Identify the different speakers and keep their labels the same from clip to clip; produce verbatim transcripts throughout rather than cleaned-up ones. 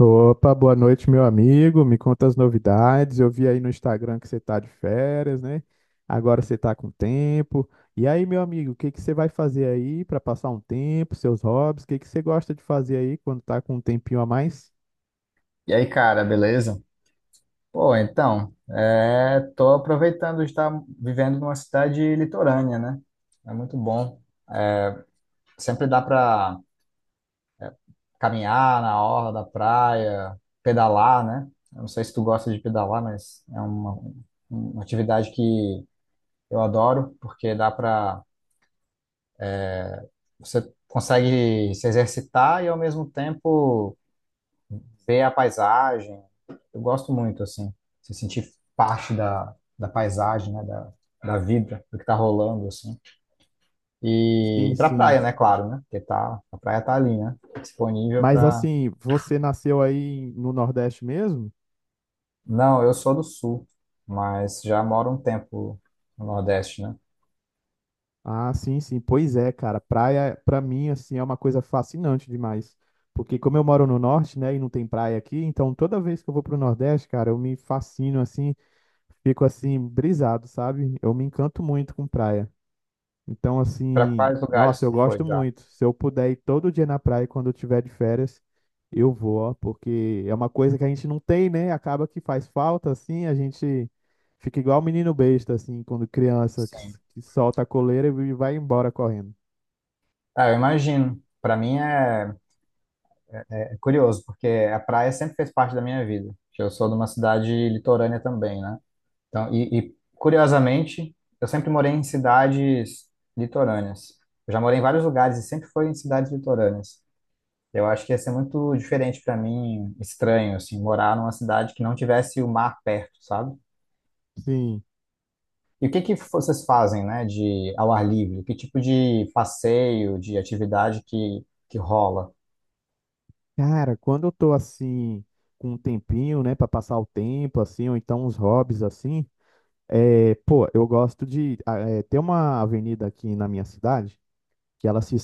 Speaker 1: Opa, boa noite, meu amigo. Me conta as novidades. Eu vi aí no Instagram que você tá de férias, né? Agora você tá com tempo. E aí, meu amigo, o que que você vai fazer aí para passar um tempo, seus hobbies? O que que você gosta de fazer aí quando tá com um tempinho a mais?
Speaker 2: E aí, cara, beleza? Pô, então, é, tô aproveitando de estar vivendo numa cidade litorânea, né? É muito bom. É, Sempre dá pra caminhar na orla da praia, pedalar, né? Eu não sei se tu gosta de pedalar, mas é uma, uma atividade que eu adoro, porque dá pra... Você consegue se exercitar e, ao mesmo tempo, ver a paisagem. Eu gosto muito, assim, se sentir parte da, da paisagem, né, da, da vida, do que tá rolando, assim. E,
Speaker 1: Sim,
Speaker 2: e pra
Speaker 1: sim.
Speaker 2: praia, né, claro, né? Porque tá, a praia tá ali, né? Disponível
Speaker 1: Mas
Speaker 2: pra.
Speaker 1: assim, você nasceu aí no Nordeste mesmo?
Speaker 2: Não, eu sou do sul, mas já moro um tempo no Nordeste, né?
Speaker 1: Ah, sim, sim. Pois é, cara. Praia, pra mim, assim, é uma coisa fascinante demais. Porque como eu moro no norte, né, e não tem praia aqui, então toda vez que eu vou pro Nordeste, cara, eu me fascino, assim, fico assim, brisado, sabe? Eu me encanto muito com praia. Então,
Speaker 2: Pra
Speaker 1: assim,
Speaker 2: quais lugares
Speaker 1: nossa, eu
Speaker 2: tu
Speaker 1: gosto
Speaker 2: foi já?
Speaker 1: muito. Se eu puder ir todo dia na praia quando eu tiver de férias, eu vou, ó, porque é uma coisa que a gente não tem, né? Acaba que faz falta, assim, a gente fica igual o menino besta, assim, quando criança, que, s-
Speaker 2: Sim.
Speaker 1: que solta a coleira e vai embora correndo.
Speaker 2: Ah, eu imagino. Pra mim é, é curioso, porque a praia sempre fez parte da minha vida. Eu sou de uma cidade litorânea também, né? Então, e, e, curiosamente, eu sempre morei em cidades litorâneas. Eu já morei em vários lugares e sempre foi em cidades litorâneas. Eu acho que ia ser muito diferente para mim, estranho, assim, morar numa cidade que não tivesse o mar perto, sabe?
Speaker 1: Sim.
Speaker 2: E o que que vocês fazem, né, de ao ar livre? Que tipo de passeio, de atividade que, que rola?
Speaker 1: Cara, quando eu tô assim, com um tempinho, né, pra passar o tempo, assim, ou então uns hobbies, assim, é, pô, eu gosto de ah, é, ter uma avenida aqui na minha cidade que ela se,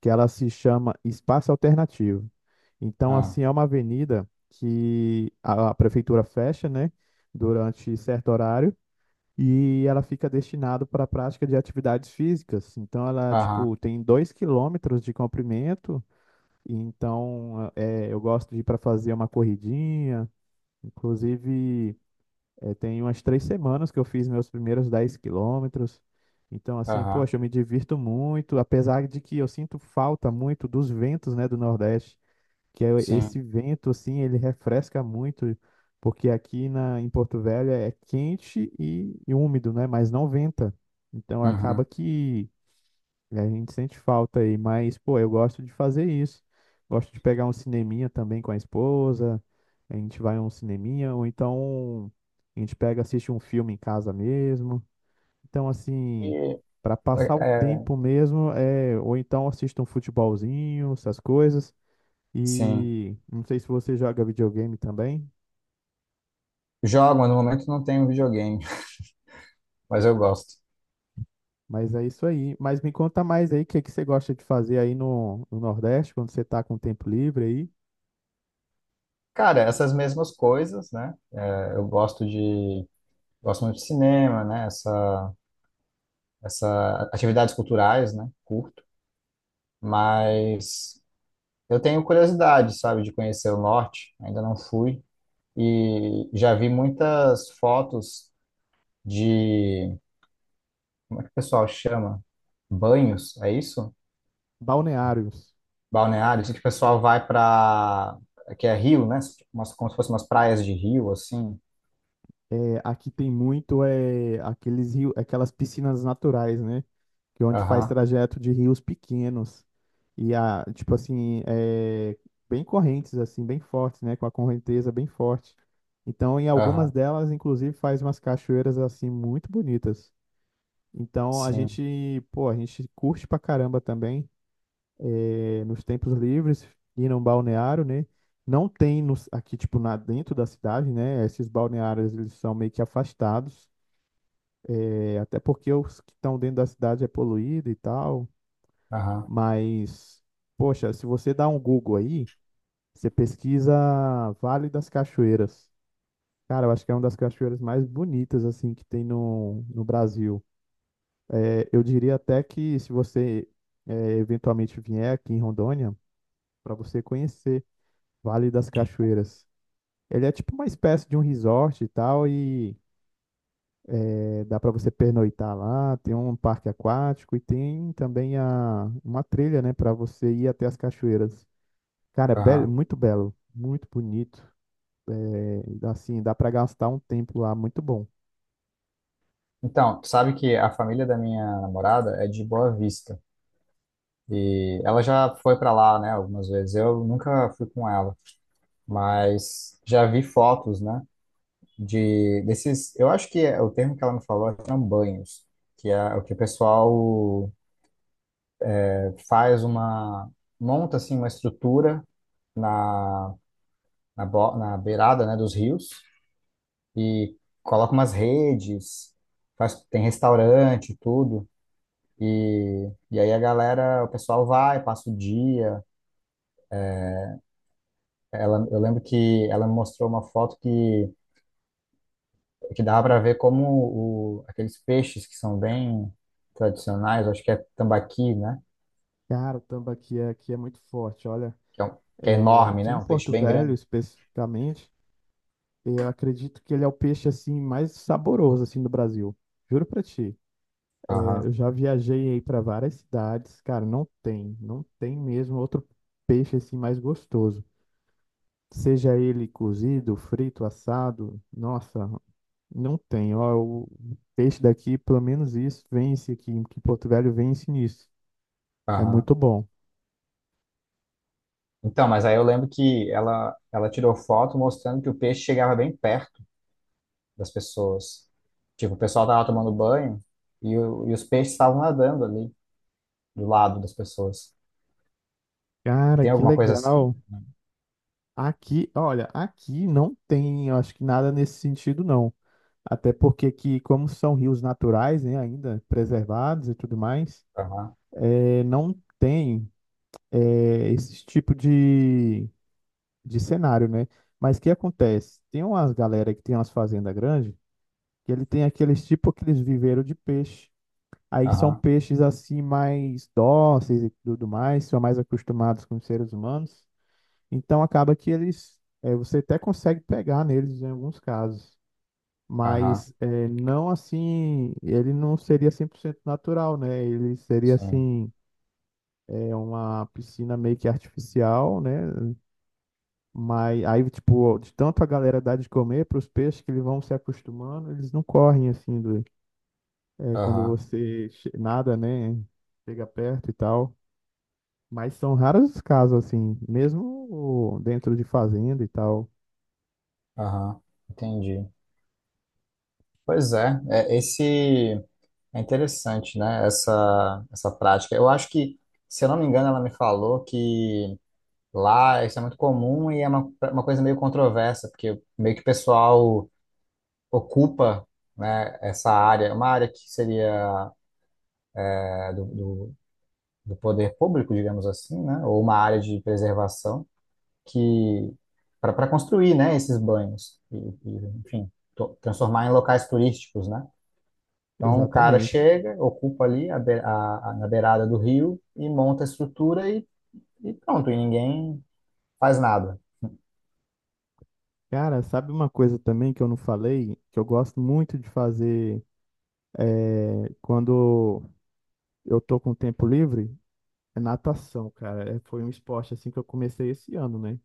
Speaker 1: que ela se chama Espaço Alternativo. Então,
Speaker 2: Ah,
Speaker 1: assim, é uma avenida que a, a prefeitura fecha, né, durante certo horário e ela fica destinada para a prática de atividades físicas. Então, ela,
Speaker 2: aham,
Speaker 1: tipo, tem dois quilômetros de comprimento. E então, é, eu gosto de ir para fazer uma corridinha. Inclusive, é, tem umas três semanas que eu fiz meus primeiros dez quilômetros. Então, assim,
Speaker 2: aham,
Speaker 1: poxa, eu me divirto muito, apesar de que eu sinto falta muito dos ventos, né, do Nordeste, que é
Speaker 2: sim,
Speaker 1: esse vento, assim, ele refresca muito, porque aqui na, em Porto Velho é quente e, e úmido, né, mas não venta. Então, acaba
Speaker 2: uhum.
Speaker 1: que e a gente sente falta aí, mas, pô, eu gosto de fazer isso. Gosto de pegar um cineminha também com a esposa. A gente vai a um cineminha, ou então a gente pega, assiste um filme em casa mesmo. Então,
Speaker 2: E,
Speaker 1: assim, para passar o
Speaker 2: é,
Speaker 1: tempo mesmo, é, ou então assiste um futebolzinho, essas coisas.
Speaker 2: sim.
Speaker 1: E não sei se você joga videogame também,
Speaker 2: Jogam, no momento não tenho videogame, mas eu gosto.
Speaker 1: mas é isso aí. Mas me conta mais aí o que que você gosta de fazer aí no, no Nordeste, quando você tá com tempo livre aí.
Speaker 2: Cara, essas mesmas coisas, né? Eu gosto de, gosto muito de cinema, né? Essa, essa atividades culturais, né? Curto, mas eu tenho curiosidade, sabe, de conhecer o norte. Ainda não fui e já vi muitas fotos de, como é que o pessoal chama? Banhos, é isso?
Speaker 1: Balneários.
Speaker 2: Balneários, que o pessoal vai para, que é rio, né? Umas, como se fossem umas praias de rio, assim.
Speaker 1: É, aqui tem muito é, aqueles rios, aquelas piscinas naturais, né? Que é onde faz
Speaker 2: Aham,
Speaker 1: trajeto de rios pequenos e a, tipo assim, é, bem correntes assim, bem fortes, né? Com a correnteza bem forte. Então, em algumas
Speaker 2: aham,
Speaker 1: delas, inclusive, faz umas cachoeiras assim muito bonitas. Então, a
Speaker 2: sim,
Speaker 1: gente, pô, a gente curte pra caramba também, é, nos tempos livres, ir num balneário, né? Não tem nos, aqui, tipo, na, dentro da cidade, né? Esses balneários, eles são meio que afastados. É, até porque os que estão dentro da cidade é poluído e tal,
Speaker 2: aham,
Speaker 1: mas, poxa, se você dá um Google aí, você pesquisa Vale das Cachoeiras. Cara, eu acho que é uma das cachoeiras mais bonitas, assim, que tem no, no Brasil. É, eu diria até que se você é, eventualmente vier aqui em Rondônia, para você conhecer Vale das Cachoeiras. Ele é tipo uma espécie de um resort e tal, e é, dá para você pernoitar lá, tem um parque aquático e tem também a, uma trilha, né, para você ir até as cachoeiras. Cara, é belo,
Speaker 2: aham.
Speaker 1: muito belo, muito bonito. É, assim, dá para gastar um tempo lá, muito bom.
Speaker 2: Então, tu sabe que a família da minha namorada é de Boa Vista. E ela já foi para lá, né, algumas vezes. Eu nunca fui com ela, mas já vi fotos, né, de desses, eu acho que é, o termo que ela me falou são banhos, que é o que o pessoal é, faz uma monta assim uma estrutura na na, bo- na beirada, né, dos rios e coloca umas redes, faz tem restaurante, e tudo. E, e aí a galera, o pessoal vai, passa o dia. Ela, eu lembro que ela me mostrou uma foto que, que dava para ver como o, aqueles peixes que são bem tradicionais, acho que é tambaqui, né?
Speaker 1: Cara, o tambaqui é- aqui é muito forte, olha.
Speaker 2: Que é, um- que é
Speaker 1: É,
Speaker 2: enorme,
Speaker 1: aqui
Speaker 2: né?
Speaker 1: em
Speaker 2: Um peixe
Speaker 1: Porto
Speaker 2: bem
Speaker 1: Velho,
Speaker 2: grande.
Speaker 1: especificamente, eu acredito que ele é o peixe assim mais saboroso assim do Brasil. Juro pra ti. É,
Speaker 2: Aham,
Speaker 1: eu já viajei aí para várias cidades, cara, não tem, não tem mesmo outro peixe assim mais gostoso. Seja ele cozido, frito, assado, nossa, não tem. Ó, o peixe daqui, pelo menos isso, vence aqui, que Porto Velho vence nisso. É
Speaker 2: aham.
Speaker 1: muito bom.
Speaker 2: Então, mas aí eu lembro que ela, ela tirou foto mostrando que o peixe chegava bem perto das pessoas. Tipo, o pessoal tava tomando banho e, o, e os peixes estavam nadando ali do lado das pessoas.
Speaker 1: Cara,
Speaker 2: Tem
Speaker 1: que
Speaker 2: alguma coisa assim?
Speaker 1: legal. Aqui, olha, aqui não tem, eu acho que nada nesse sentido, não. Até porque aqui, como são rios naturais, né, ainda preservados e tudo mais,
Speaker 2: Aham.
Speaker 1: eh, não tem, eh, esse tipo de, de cenário, né? Mas o que acontece? Tem umas galera que tem umas fazendas grandes que ele tem aqueles tipo aqueles viveiros de peixe. Aí são
Speaker 2: Aham,
Speaker 1: peixes assim mais dóceis e tudo mais, são mais acostumados com os seres humanos. Então acaba que eles, eh, você até consegue pegar neles em alguns casos,
Speaker 2: aham,
Speaker 1: mas eh, não assim, ele não seria cem por cento natural, né? Ele seria
Speaker 2: sim,
Speaker 1: assim, é uma piscina meio que artificial, né? Mas aí, tipo, de tanto a galera dar de comer para os peixes que eles vão se acostumando, eles não correm assim do, é, quando
Speaker 2: aham,
Speaker 1: você che- nada, né? Chega perto e tal. Mas são raros os casos, assim, mesmo dentro de fazenda e tal.
Speaker 2: aham, entendi. Pois é, é esse é interessante, né? Essa essa prática. Eu acho que, se eu não me engano, ela me falou que lá isso é muito comum e é uma, uma coisa meio controversa, porque meio que o pessoal ocupa, né, essa área, uma área que seria é, do, do do poder público, digamos assim, né? Ou uma área de preservação. Que para construir, né, esses banhos e, e, enfim, to- transformar em locais turísticos, né? Então o cara
Speaker 1: Exatamente.
Speaker 2: chega, ocupa ali a, be- a- a- na beirada do rio e monta a estrutura e, e pronto, e ninguém faz nada.
Speaker 1: Cara, sabe uma coisa também que eu não falei, que eu gosto muito de fazer é, quando eu tô com tempo livre? É natação, cara. É, foi um esporte assim que eu comecei esse ano, né?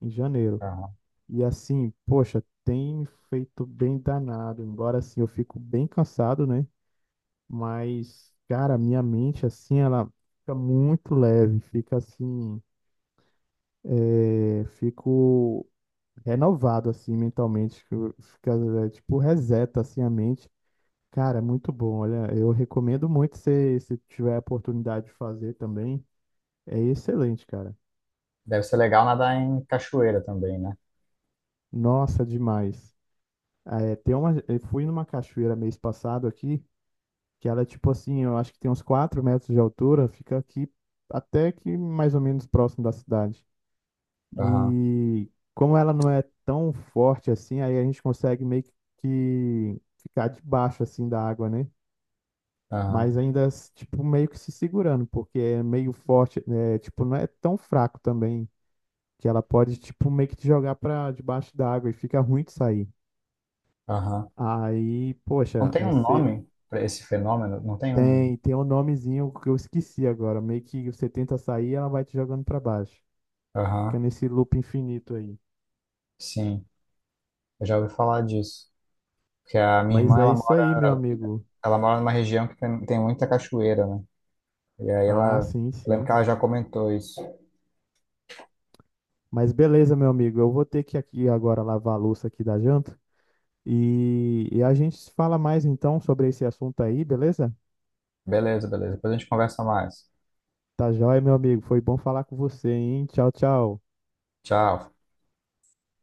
Speaker 1: Em janeiro.
Speaker 2: Aham.
Speaker 1: E assim, poxa, tem me feito bem danado. Embora assim eu fico bem cansado, né? Mas, cara, a minha mente, assim, ela fica muito leve, fica assim, é, fico renovado, assim, mentalmente, fico- fica, é, tipo, reseta, assim, a mente. Cara, é muito bom, olha, eu recomendo muito se, se tiver a oportunidade de fazer também, é excelente, cara.
Speaker 2: Deve ser legal nadar em cachoeira também, né?
Speaker 1: Nossa, demais. Ah, é, tem uma, eu fui numa cachoeira mês passado aqui, que ela é tipo assim, eu acho que tem uns quatro metros de altura, fica aqui até que mais ou menos próximo da cidade.
Speaker 2: Aham,
Speaker 1: E como ela não é tão forte assim, aí a gente consegue meio que ficar debaixo assim da água, né?
Speaker 2: aham,
Speaker 1: Mas ainda, s- tipo, meio que se segurando, porque é meio forte, né? Tipo, não é tão fraco também, que ela pode, tipo, meio que te jogar pra debaixo da água e fica ruim de sair.
Speaker 2: aham.
Speaker 1: Aí,
Speaker 2: Não
Speaker 1: poxa,
Speaker 2: tem um
Speaker 1: você
Speaker 2: nome para esse fenômeno? Não tem um.
Speaker 1: tem, tem um nomezinho que eu esqueci agora, meio que você tenta sair ela vai te jogando pra baixo. Fica
Speaker 2: Aham,
Speaker 1: nesse loop infinito aí.
Speaker 2: sim. Eu já ouvi falar disso. Que a minha
Speaker 1: Mas
Speaker 2: irmã,
Speaker 1: é
Speaker 2: ela
Speaker 1: isso aí, meu
Speaker 2: mora,
Speaker 1: amigo.
Speaker 2: ela mora numa região que tem, tem muita cachoeira, né? E aí
Speaker 1: Ah,
Speaker 2: ela,
Speaker 1: sim,
Speaker 2: lembro
Speaker 1: sim.
Speaker 2: que ela já comentou isso.
Speaker 1: Mas beleza, meu amigo, eu vou ter que aqui agora lavar a louça aqui da janta e, e a gente se fala mais então sobre esse assunto aí, beleza?
Speaker 2: Beleza, beleza. Depois a gente conversa mais.
Speaker 1: Tá joia, meu amigo, foi bom falar com você, hein? Tchau, tchau.
Speaker 2: Tchau.